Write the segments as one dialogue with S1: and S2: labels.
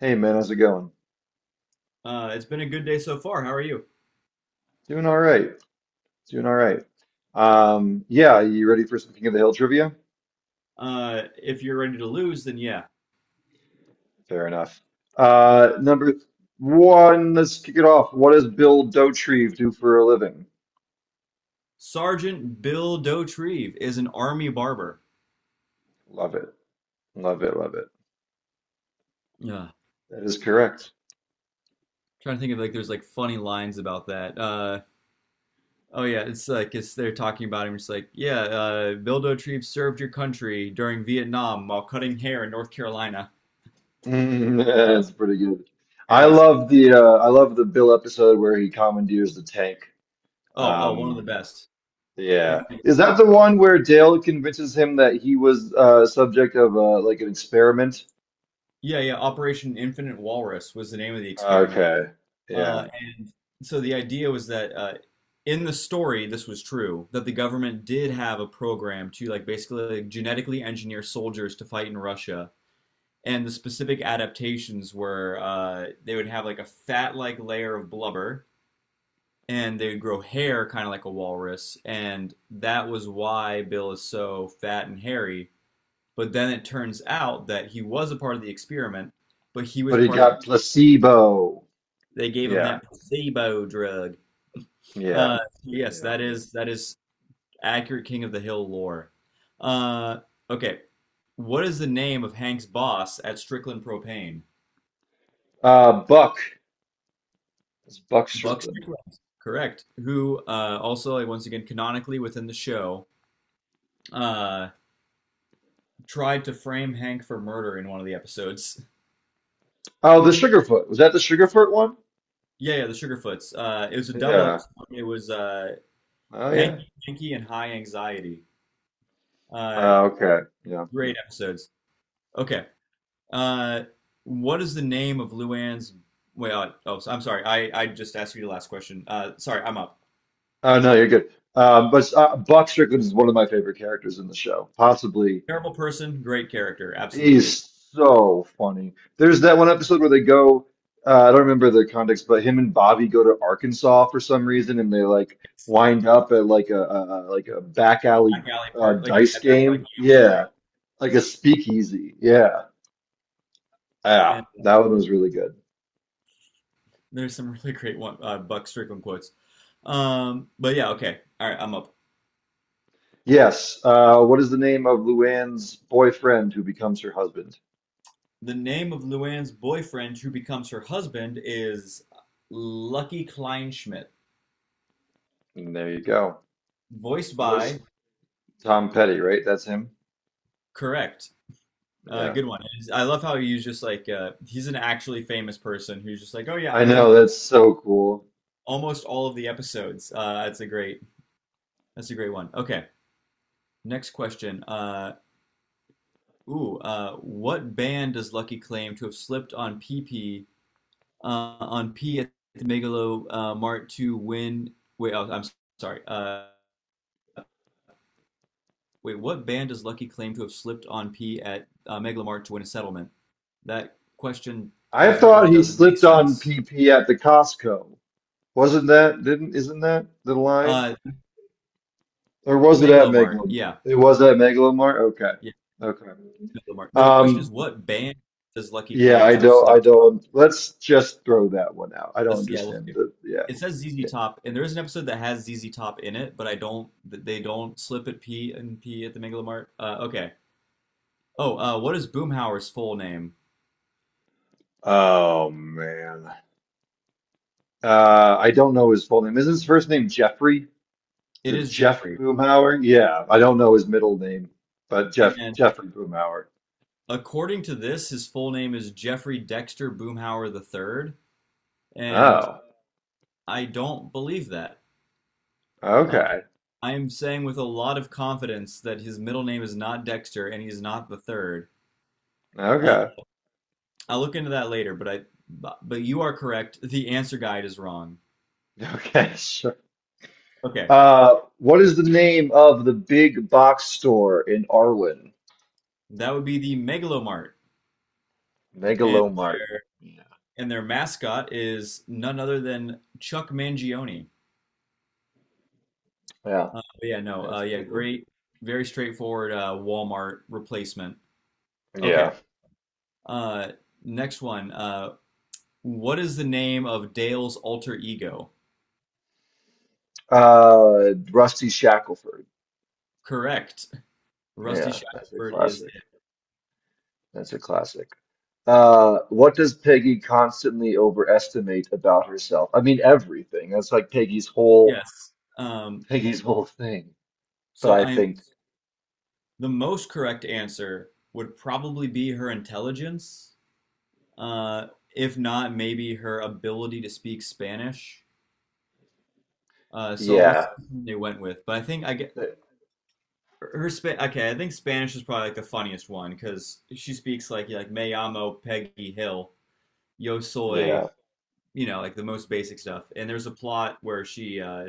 S1: Hey man, how's it going?
S2: It's been a good day so far. How are you?
S1: Doing all right. Doing all right. Yeah, you ready for some King of the Hill trivia?
S2: If you're ready to lose, then yeah.
S1: Fair enough. Number one, let's kick it off. What does Bill Dotrieve do for a living?
S2: Sergeant Bill Dotrieve is an army barber.
S1: Love it. Love it. Love it.
S2: Yeah.
S1: That is correct.
S2: Trying to think of like there's like funny lines about that. Oh yeah, it's like it's they're talking about him. It's like yeah, Bill Dotrieve served your country during Vietnam while cutting hair in North Carolina.
S1: Mm,
S2: Uh,
S1: That's pretty good.
S2: anyways,
S1: I love the Bill episode where he commandeers the tank.
S2: oh, one of the
S1: Um,
S2: best.
S1: yeah.
S2: And,
S1: Is that the one where Dale convinces him that he was subject of like an experiment?
S2: yeah, Operation Infinite Walrus was the name of the experiment.
S1: Okay. Yeah.
S2: Uh, and so the idea was that in the story, this was true, that the government did have a program to like basically like, genetically engineer soldiers to fight in Russia. And the specific adaptations were they would have like a fat-like layer of blubber, and they would grow hair kind of like a walrus, and that was why Bill is so fat and hairy. But then it turns out that he was a part of the experiment, but he was
S1: But he
S2: part of
S1: got placebo.
S2: the, they gave him
S1: Yeah.
S2: that placebo drug. Uh,
S1: Yeah.
S2: yes,
S1: Yeah.
S2: that is accurate King of the Hill lore. Uh, okay, what is the name of Hank's boss at Strickland Propane?
S1: Buck. It's Buck
S2: Buck
S1: Strickland.
S2: Strickland, correct. Who also, like, once again, canonically within the show, uh, tried to frame Hank for murder in one of the episodes.
S1: Oh, the Sugarfoot. Was that the Sugarfoot one?
S2: Yeah, yeah, the Sugarfoots. It was a double
S1: Yeah.
S2: episode. It was
S1: Oh, yeah.
S2: Hanky, Hanky, and High Anxiety. Uh,
S1: Oh, okay. Yeah.
S2: great episodes. Okay, Uh, what is the name of Luann's? Wait, oh, so- I'm sorry. I just asked you the last question. Sorry, I'm up.
S1: Oh, no, you're good. But Buck Strickland is one of my favorite characters in the show, possibly.
S2: Terrible person, great character, absolutely.
S1: He's so funny. There's that one episode where they go, I don't remember the context, but him and Bobby go to Arkansas for some reason, and they like
S2: It's
S1: wind up at like like a back
S2: a
S1: alley
S2: back alley park, like
S1: dice
S2: a back
S1: game.
S2: alley gambling ring,
S1: Yeah, like a speakeasy. Yeah, yeah,
S2: and
S1: that one was really good.
S2: there's some really great one, Buck Strickland quotes. But yeah, okay, all right, I'm up.
S1: Yes. What is the name of Luann's boyfriend who becomes her husband?
S2: The name of Luann's boyfriend, who becomes her husband, is Lucky Kleinschmidt,
S1: And there you go.
S2: voiced
S1: Voice
S2: by,
S1: Tom Petty, right? That's him.
S2: correct.
S1: Yeah,
S2: Good one. It is- I love how he's just like he's an actually famous person who's just like, oh yeah,
S1: I
S2: I'm going to
S1: know. That's so cool.
S2: almost all of the episodes. That's a great one. Okay, next question. Ooh, what band does Lucky claim to have slipped on PP on P at the Megalo Mart to win? Wait, oh, I'm sorry. Wait, what band does Lucky claim to have slipped on P at Megalo Mart to win a settlement? That question,
S1: I
S2: as written,
S1: thought he
S2: doesn't make
S1: slipped on
S2: sense.
S1: PP at the Costco. Wasn't that, didn't, isn't that the line?
S2: Uh,
S1: Or
S2: the
S1: was it at
S2: Megalomart,
S1: Megalom?
S2: yeah.
S1: It was at Megalomart? Okay.
S2: Yeah,
S1: Okay.
S2: no, mark. But the question is,
S1: Um,
S2: what band does Lucky
S1: yeah,
S2: claim to have
S1: I
S2: slipped on?
S1: don't, let's just throw that one out. I don't
S2: Let's yeah, let's
S1: understand
S2: do it.
S1: yeah,
S2: It says ZZ
S1: yeah.
S2: Top, and there is an episode that has ZZ Top in it, but I don't. Th- They don't slip at P and P at the Megalomart. Okay. Oh, what is Boomhauer's full name?
S1: Oh, man. I don't know his full name. Is his first name Jeffrey? Is
S2: It
S1: it
S2: is
S1: Jeff
S2: Jeffrey,
S1: Boomhauer? Yeah, I don't know his middle name, but
S2: and
S1: Jeffrey Boomhauer.
S2: according to this, his full name is Jeffrey Dexter Boomhauer the Third, and
S1: Oh,
S2: I don't believe that. Uh,
S1: okay.
S2: I am saying with a lot of confidence that his middle name is not Dexter and he's not the third. Uh,
S1: Okay.
S2: I'll look into that later, but you are correct. The answer guide is wrong.
S1: Okay, Sure.
S2: Okay,
S1: What is the name of the big box store in Arwen?
S2: that would be the Megalomart, and
S1: Megalomart. Yeah.
S2: their mascot is none other than Chuck Mangione.
S1: Yeah,
S2: But yeah, no,
S1: that's a
S2: yeah,
S1: good one.
S2: great, very straightforward Walmart replacement. Okay,
S1: Yeah.
S2: uh, next one. What is the name of Dale's alter ego?
S1: Rusty Shackelford.
S2: Correct. Rusty
S1: Yeah, that's a
S2: Shackford is
S1: classic.
S2: it.
S1: That's a classic. What does Peggy constantly overestimate about herself? I mean, everything. That's like
S2: Yes. Um,
S1: Peggy's whole thing. But
S2: so
S1: I
S2: I
S1: think,
S2: the most correct answer would probably be her intelligence. Uh, if not, maybe her ability to speak Spanish. So we'll
S1: yeah,
S2: see what they went with. But I think I get
S1: th-
S2: her Spa okay, I think Spanish is probably like the funniest one because she speaks like me llamo Peggy Hill, yo soy,
S1: yeah.
S2: you know, like the most basic stuff. And there's a plot where she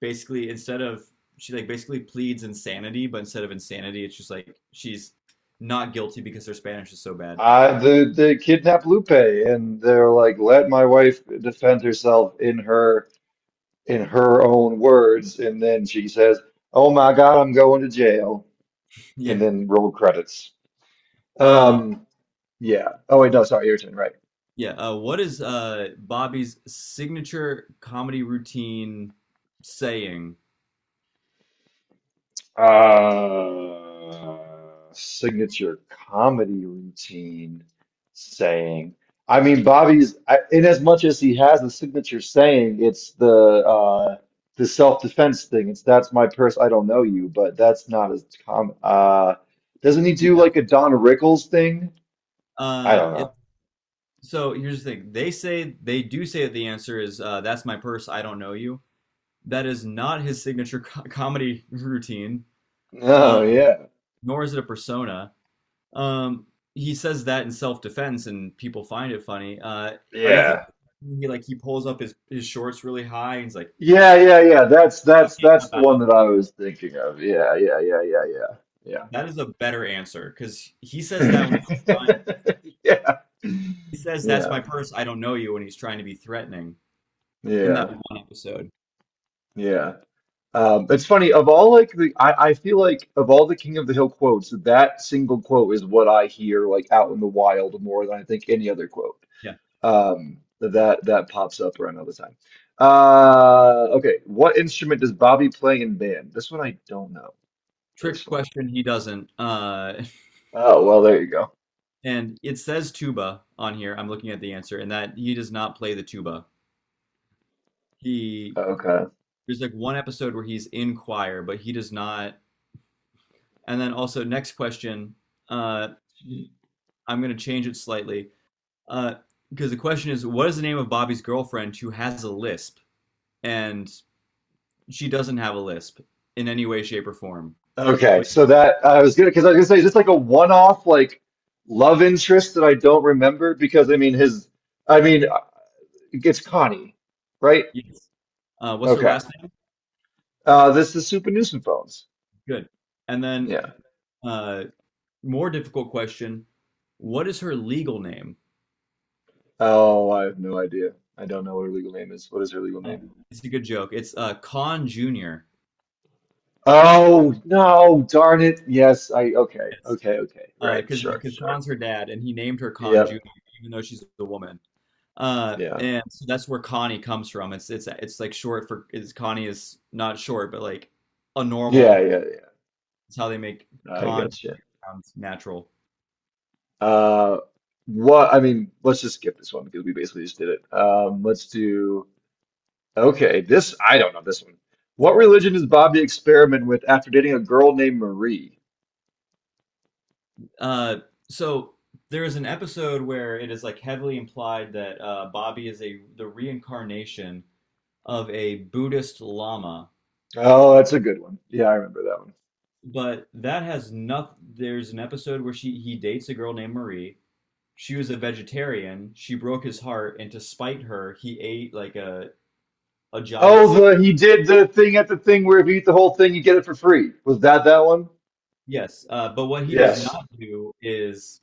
S2: basically instead of she like basically pleads insanity, but instead of insanity, it's just like she's not guilty because her Spanish is so bad.
S1: The kidnap Lupe, and they're like, let my wife defend herself in her own words, and then she says, "Oh my God, I'm going to jail," and
S2: Yeah,
S1: then roll credits.
S2: Uh,
S1: Um, yeah. Oh wait, no, sorry, your turn, right?
S2: yeah. What is Bobby's signature comedy routine saying?
S1: Uh, signature comedy routine saying. I mean, in as much as he has a signature saying, it's the self-defense thing. It's that's my purse, I don't know you, but that's not as common. Doesn't he do
S2: Yeah.
S1: like a Don Rickles thing? I
S2: Uh,
S1: don't
S2: it,
S1: know.
S2: so here's the thing. They do say that the answer is "That's my purse. I don't know you." That is not his signature co comedy routine, uh,
S1: Oh yeah,
S2: nor is it a persona. Um, he says that in self-defense, and people find it funny. Are you thinking
S1: yeah,
S2: he like he pulls up his shorts really high and he's like,
S1: yeah, yeah, yeah. That's the one that I was thinking of. Yeah, yeah, yeah, yeah, yeah, yeah.
S2: "That is a better answer," because
S1: Yeah.
S2: He says, That's
S1: Yeah.
S2: my purse. I don't know you when he's trying to be threatening in that
S1: Yeah.
S2: one episode.
S1: Yeah. It's funny, of all like the I feel like of all the King of the Hill quotes, that single quote is what I hear like out in the wild more than I think any other quote.
S2: Yeah.
S1: That pops up around all the time. Okay, what instrument does Bobby play in band? This one I don't know
S2: Trick
S1: personally.
S2: question, he doesn't.
S1: Oh, well, there you go.
S2: And it says tuba on here. I'm looking at the answer, and that he does not play the tuba. He
S1: Okay.
S2: There's like one episode where he's in choir, but he does not. And then also next question, uh, I'm gonna change it slightly because the question is, what is the name of Bobby's girlfriend who has a lisp, and she doesn't have a lisp in any way, shape, or form,
S1: Okay,
S2: but
S1: so that I was gonna because I was gonna say is this like a one-off like love interest that I don't remember because I mean his I mean it's Connie, right?
S2: yes. What's her
S1: Okay.
S2: last name?
S1: This is Super Nuisance
S2: Good. And then,
S1: Yeah.
S2: uh, more difficult question: what is her legal name?
S1: Oh, I have no idea. I don't know what her legal name is. What is her legal
S2: Uh,
S1: name?
S2: it's a good joke. It's Khan Junior.
S1: Oh no, darn it. Yes, I okay,
S2: Yes.
S1: okay, okay. Right,
S2: Because
S1: sure,
S2: because
S1: sure.
S2: Khan's her dad, and he named her Khan Junior,
S1: Yep.
S2: even though she's a woman.
S1: Yeah.
S2: And so that's where Connie comes from. It's like short for is Connie is not short, but like a
S1: Yeah,
S2: normal.
S1: yeah,
S2: It's how they make
S1: yeah. I
S2: Khan
S1: gotcha.
S2: sound natural.
S1: Uh, what I mean, let's just skip this one because we basically just did it. Let's do okay. This I don't know this one. What religion does Bobby experiment with after dating a girl named Marie?
S2: Uh, so there is an episode where it is like heavily implied that Bobby is a the reincarnation of a Buddhist lama,
S1: Oh, that's a good one. Yeah, I remember that one.
S2: but that has nothing. There's an episode where she he dates a girl named Marie. She was a vegetarian. She broke his heart, and to spite her, he ate like a giant.
S1: Oh, the he did the thing at the thing where if you eat the whole thing, you get it for free. Was that that one?
S2: Yes, but what he does
S1: Yes.
S2: not do is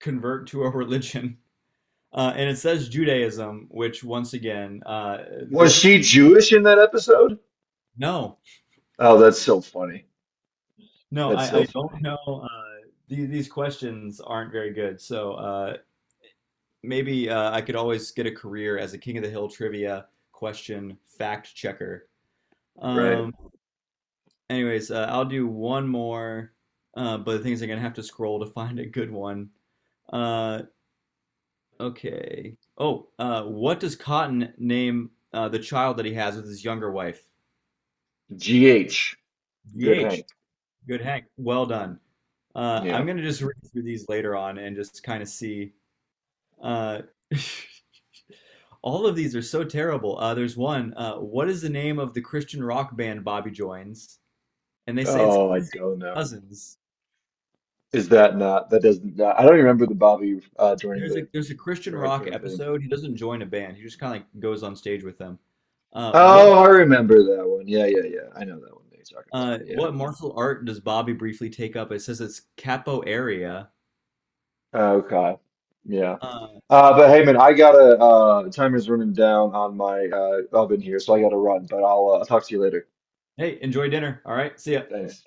S2: convert to a religion. And it says Judaism, which once again,
S1: Was
S2: this
S1: she Jewish in that episode?
S2: no,
S1: Oh, that's so funny.
S2: no,
S1: That's
S2: I,
S1: so
S2: I don't
S1: funny.
S2: know. These questions aren't very good. So maybe I could always get a career as a King of the Hill trivia question fact checker.
S1: Right.
S2: Um, anyways, I'll do one more, but the things I'm gonna have to scroll to find a good one. Uh, okay. Oh, what does Cotton name the child that he has with his younger wife?
S1: GH. Good
S2: GH.
S1: Hank.
S2: Good Hank. Well done.
S1: Yeah.
S2: I'm gonna just read through these later on and just kind of see. Uh, all of these are so terrible. There's one. What is the name of the Christian rock band Bobby joins? And they say it's
S1: Oh, I don't know.
S2: Cousins.
S1: Is that not? That doesn't. I don't remember the Bobby joining
S2: There's a
S1: the
S2: there's a Christian
S1: rock
S2: rock
S1: band thing.
S2: episode. He doesn't join a band. He just kind of like goes on stage with them. Uh, what
S1: Oh, I remember that one. Yeah, yeah, yeah. I know that one that you're talking about.
S2: uh,
S1: Yeah.
S2: what martial art does Bobby briefly take up? It says it's capoeira.
S1: Okay. Yeah.
S2: Uh,
S1: But hey, man, I gotta. Timer's running down on my oven here, so I gotta run. But I'll talk to you later.
S2: hey, enjoy dinner. All right, see ya.
S1: Thanks.